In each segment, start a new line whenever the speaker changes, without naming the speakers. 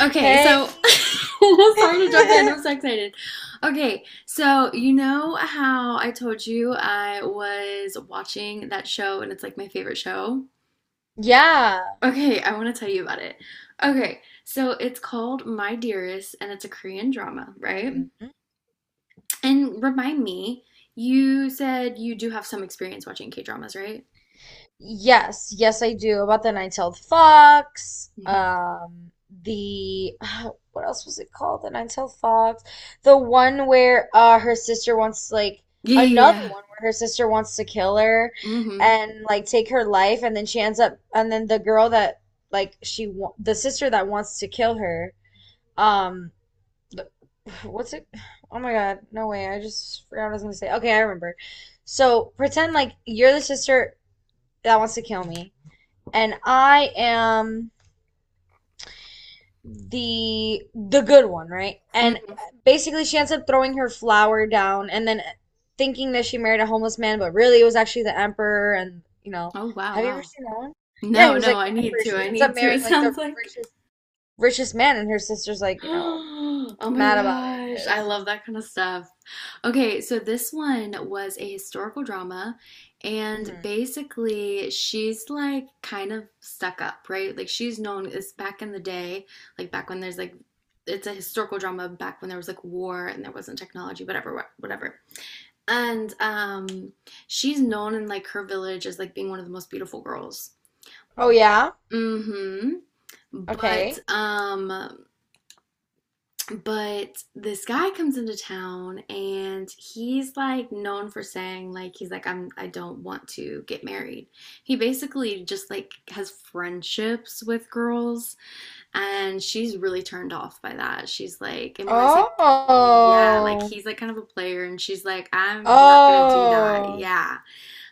Okay, so
Hey.
sorry to jump in. I'm so excited. Okay, so you know how I told you I was watching that show and it's like my favorite show?
Yeah.
Okay, I want to tell you about it. Okay, so it's called My Dearest and it's a Korean drama, right?
Mhm.
And remind me, you said you do have some experience watching K dramas, right?
Yes, yes, I do. About the Nine-Tailed Fox.
Mhm.
The what else was it called? The Nine-Tailed Fox. The one where her sister wants like
Yeah, yeah,
another
yeah.
one where her sister wants to kill her
Mm-hmm.
and like take her life and then she ends up and then the girl that like she wa the sister that wants to kill her um what's it? Oh my God. No way. I just forgot what I was gonna say. Okay, I remember. So pretend like you're the sister that wants to kill me, and I am the good one, right? And
Mm.
basically she ends up throwing her flower down and then thinking that she married a homeless man, but really it was actually the emperor and
Oh, wow,
have you ever
wow.
seen that one? Yeah, he
No,
was
no,
like
I
the
need
emperor.
to.
She
I
ends up
need to. It
marrying like the
sounds like
richest man and her sister's like, you know,
oh my
mad about it
gosh, I
because.
love that kind of stuff. Okay, so this one was a historical drama, and
Mm-hmm.
basically, she's like kind of stuck up, right? Like, she's known as back in the day, like back when there's like it's a historical drama back when there was like war and there wasn't technology, whatever, whatever. And she's known in like her village as like being one of the most beautiful girls.
Oh yeah?
Mm-hmm. But
Okay.
um But this guy comes into town and he's like known for saying like he's like I don't want to get married. He basically just like has friendships with girls and she's really turned off by that. She's like and when I say yeah, like
Oh.
he's like kind of a player and she's like I'm not gonna do that.
Oh.
Yeah.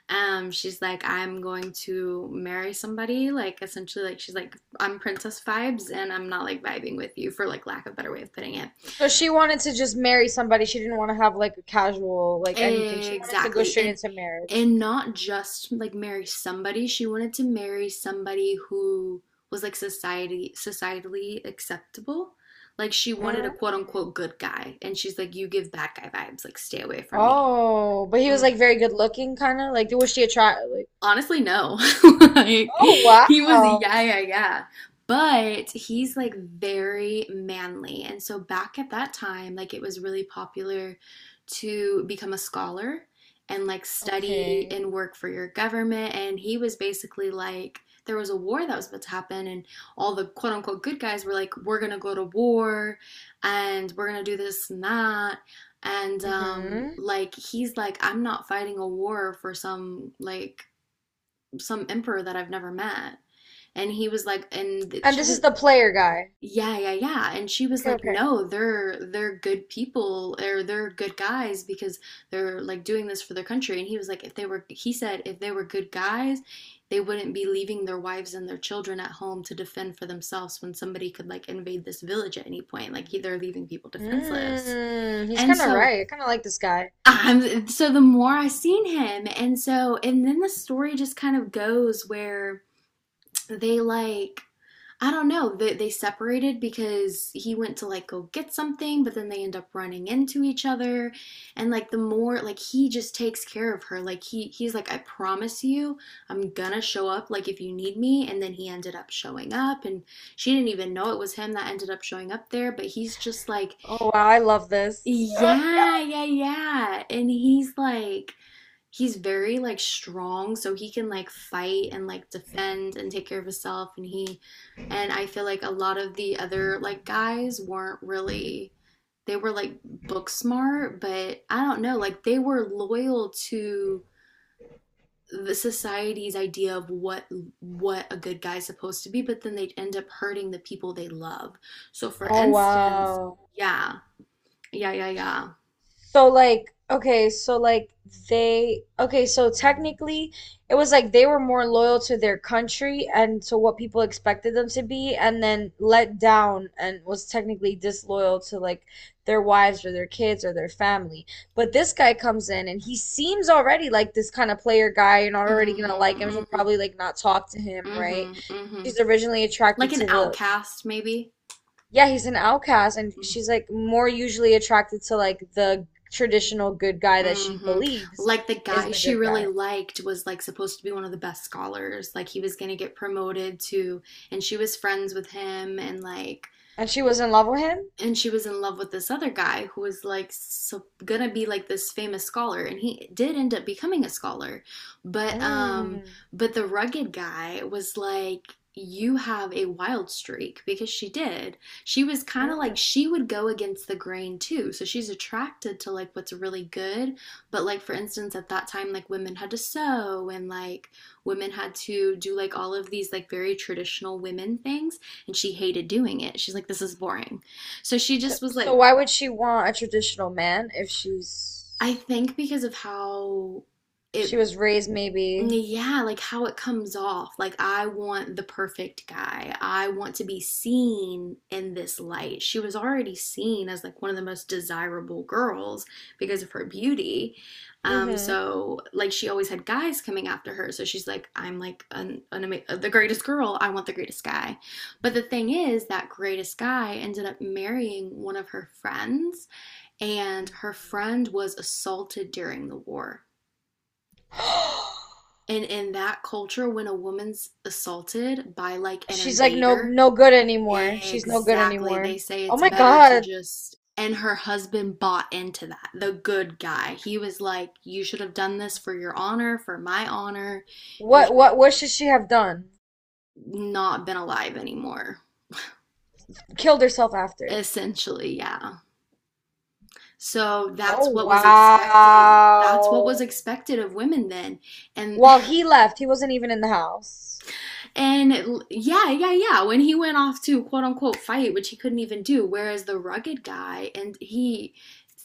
She's like I'm going to marry somebody like essentially like she's like I'm princess vibes and I'm not like vibing with you for like lack of a better way of putting it.
So she wanted to just marry somebody. She didn't want to have like a casual, like anything. She wanted to go
Exactly.
straight
And
into marriage.
not just like marry somebody. She wanted to marry somebody who was like society societally acceptable. Like she wanted a
Mm.
quote unquote good guy. And she's like, you give bad guy vibes, like stay away from me.
Oh, but he was
Mm-hmm.
like very good looking, kind of like was she attract like?
Honestly, no. Like
Oh
he was
wow.
yeah, yeah, yeah. But he's like very manly. And so back at that time, like it was really popular to become a scholar and like study
Okay.
and work for your government. And he was basically like there was a war that was about to happen and all the quote unquote good guys were like, we're gonna go to war and we're gonna do this and that. And
Mm-hmm.
like he's like, I'm not fighting a war for some like some emperor that I've never met. And he was like, and
And
she
this
was,
is the player guy.
yeah, yeah, yeah. And she was
Okay,
like,
okay.
no, they're good people or they're good guys because they're like doing this for their country. And he was like, if they were, he said, if they were good guys, they wouldn't be leaving their wives and their children at home to defend for themselves when somebody could like invade this village at any point. Like they're leaving people defenseless.
Mm, he's
And
kind of
so
right. I kind of like this guy.
I'm so the more I seen him, and so and then the story just kind of goes where they like I don't know. They separated because he went to like go get something, but then they end up running into each other. And like the more like he just takes care of her. Like he's like I promise you, I'm gonna show up like if you need me. And then he ended up showing up and she didn't even know it was him that ended up showing up there, but he's just like
Oh wow, I love this.
yeah, yeah, yeah. And he's like he's very like strong, so he can like fight and like defend and take care of himself and I feel like a lot of the other like guys weren't really they were like book smart, but I don't know, like they were loyal to the society's idea of what a good guy's supposed to be, but then they'd end up hurting the people they love. So for
Oh
instance,
wow.
yeah, yeah, yeah, yeah.
So like okay, so like they okay, so technically it was like they were more loyal to their country and to what people expected them to be and then let down and was technically disloyal to like their wives or their kids or their family. But this guy comes in and he seems already like this kind of player guy. You're not already
Mm-hmm,
gonna like him. She'll
mm-hmm,
probably like not talk to him, right?
mm-hmm, mm-hmm.
She's originally
Like
attracted
an
to the
outcast, maybe.
yeah, he's an outcast, and she's like more usually attracted to like the traditional good guy that she
Hmm.
believes
Like the
is
guy
the
she
good
really
guy.
liked was like supposed to be one of the best scholars. Like he was gonna get promoted to, and she was friends with him, and like
And she was in love with him?
and she was in love with this other guy who was like so gonna be like this famous scholar and he did end up becoming a scholar but um
Mm.
but the rugged guy was like you have a wild streak because she was kind of like
Mm.
she would go against the grain too so she's attracted to like what's really good but like for instance at that time like women had to sew and like women had to do like all of these like very traditional women things and she hated doing it she's like this is boring so she
So,
just was
so
like,
why would she want a traditional man if
I
she's
think because of how
she
it,
was raised maybe?
yeah, like how it comes off. Like, I want the perfect guy. I want to be seen in this light. She was already seen as like one of the most desirable girls because of her beauty.
Mm-hmm.
So like she always had guys coming after her. So she's like, I'm like the greatest girl. I want the greatest guy. But the thing is, that greatest guy ended up marrying one of her friends and her friend was assaulted during the war. And in that culture, when a woman's assaulted by like an
She's like no
invader,
no good anymore. She's no good
exactly,
anymore.
they say
Oh
it's
my
better to
God.
just. And her husband bought into that, the good guy. He was like, you should have done this for your honor, for my honor. You should
What should she have done?
not been alive anymore.
Killed herself after.
Essentially, yeah. So
Oh
that's what was expected. That's what was
wow.
expected of women then. And
While he left, he wasn't even in the house.
And yeah, yeah, yeah. When he went off to quote unquote fight, which he couldn't even do, whereas the rugged guy, and he,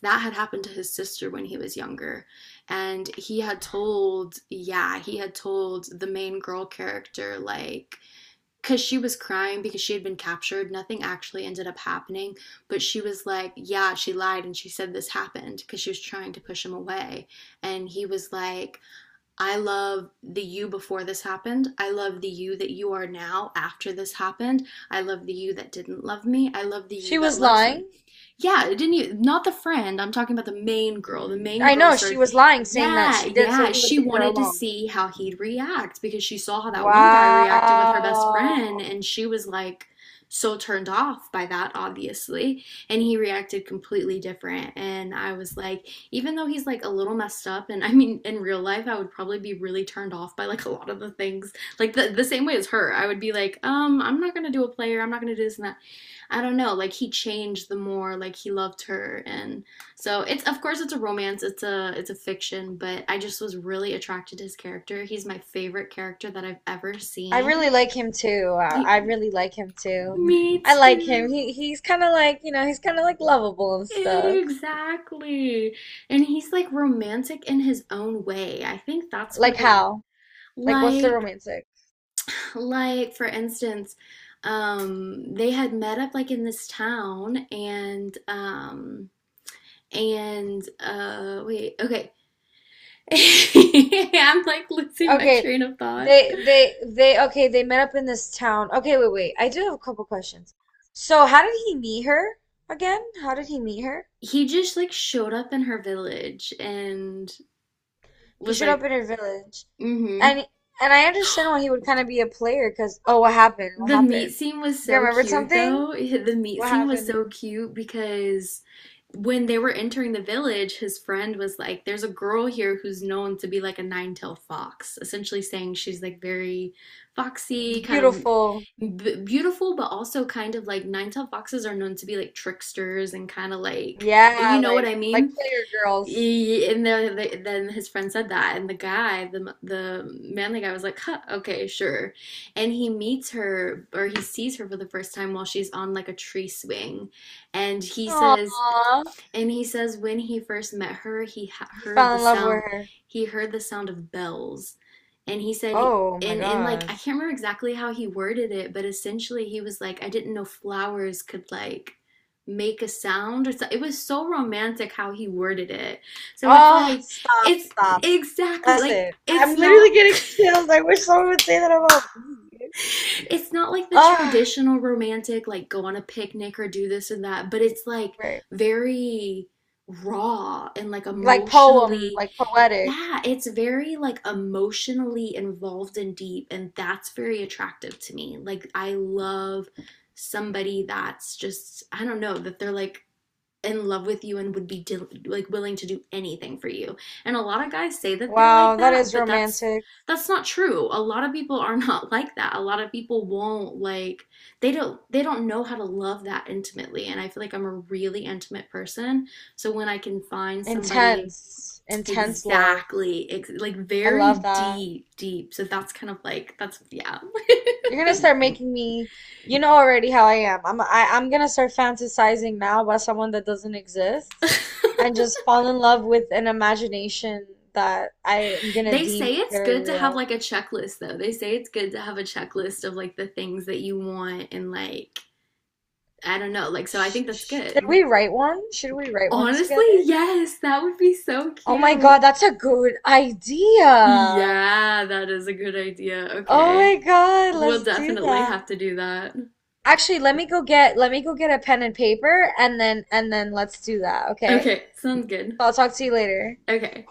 that had happened to his sister when he was younger. And he had told, yeah, he had told the main girl character, like, because she was crying because she had been captured. Nothing actually ended up happening. But she was like, yeah, she lied and she said this happened because she was trying to push him away. And he was like, I love the you before this happened. I love the you that you are now after this happened. I love the you that didn't love me. I love the
She
you that
was
loves me.
lying.
Yeah, it didn't you? Not the friend. I'm talking about the main girl. The main
I
girl
know she
started,
was lying, saying that
yeah,
she did so
yeah.
he would
She
leave her
wanted to
alone.
see how he'd react because she saw how that one guy reacted with her best friend
Wow.
and she was like so turned off by that, obviously. And he reacted completely different. And I was like, even though he's like a little messed up and I mean in real life I would probably be really turned off by like a lot of the things like the same way as her I would be like I'm not gonna do a player I'm not gonna do this and that I don't know like he changed the more like he loved her and so it's of course it's a romance it's a fiction but I just was really attracted to his character he's my favorite character that I've ever
I really
seen.
like him too. I
He-
really like him too.
Me
I like him.
too.
He he's kind of like, you know, he's kind of like lovable and stuff.
Exactly. And he's like romantic in his own way. I think that's what
Like
I
how? Like what's the
like.
romantic?
Like, for instance, they had met up like in this town and wait, okay. I'm like losing my
Okay.
train of thought.
They okay, they met up in this town. Okay, wait, wait. I do have a couple questions. So, how did he meet her again? How did he meet her?
He just like showed up in her village and
He
was
showed up
like,
in her village,
mm-hmm.
and and I understand why he would kind of be a player. Cause oh, what happened? What
The meat
happened?
scene was
You
so
remembered
cute,
something?
though. The meat
What
scene was
happened?
so cute because when they were entering the village, his friend was like, there's a girl here who's known to be like a nine-tailed fox, essentially saying she's like very foxy, kind of
Beautiful.
beautiful, but also kind of like nine-tailed foxes are known to be like tricksters and kind of like, you
Yeah,
know what I
like
mean?
player girls.
And then then his friend said that, and the guy, the manly guy, was like, huh, "Okay, sure." And he meets her, or he sees her for the first time while she's on like a tree swing, and he says,
Aww.
when he first met her, he
He
heard
fell
the
in love with
sound.
her.
He heard the sound of bells. And he said,
Oh my
and like, I
God.
can't remember exactly how he worded it, but essentially he was like, I didn't know flowers could like make a sound. It was so romantic how he worded it. So it's
Oh,
like,
stop,
it's
stop.
exactly
That's
like,
it.
it's
I'm literally
not
getting chills. I wish someone would say that about me.
it's not like the
Ah,
traditional romantic, like go on a picnic or do this and that, but it's like
right.
very raw and like
Like poem,
emotionally,
like poetic.
yeah, it's very like emotionally involved and deep, and that's very attractive to me. Like, I love somebody that's just, I don't know, that they're like in love with you and would be dil like willing to do anything for you. And a lot of guys say that they're like
Wow, that
that,
is
but that's
romantic.
that's not true. A lot of people are not like that. A lot of people won't like they don't know how to love that intimately. And I feel like I'm a really intimate person. So when I can find somebody
Intense, intense love.
exactly like
I love
very
that.
deep deep. So that's kind of like that's yeah.
You're gonna start making me, you know already how I am. I'm gonna start fantasizing now about someone that doesn't exist and just fall in love with an imagination that I am gonna
They say
deem
it's
very
good to have
real.
like a checklist though. They say it's good to have a checklist of like the things that you want and like I don't know, like so I think
Sh-
that's
sh- should
good.
we write one? Should we write one
Honestly,
together?
yes, that would be so
Oh my God,
cute.
that's a good idea.
Yeah, that is a good idea.
Oh my
Okay.
God,
We'll
let's do
definitely
that.
have to do that.
Actually, let me go get a pen and paper and then let's do that, okay?
Okay, sounds good.
I'll talk to you later.
Okay.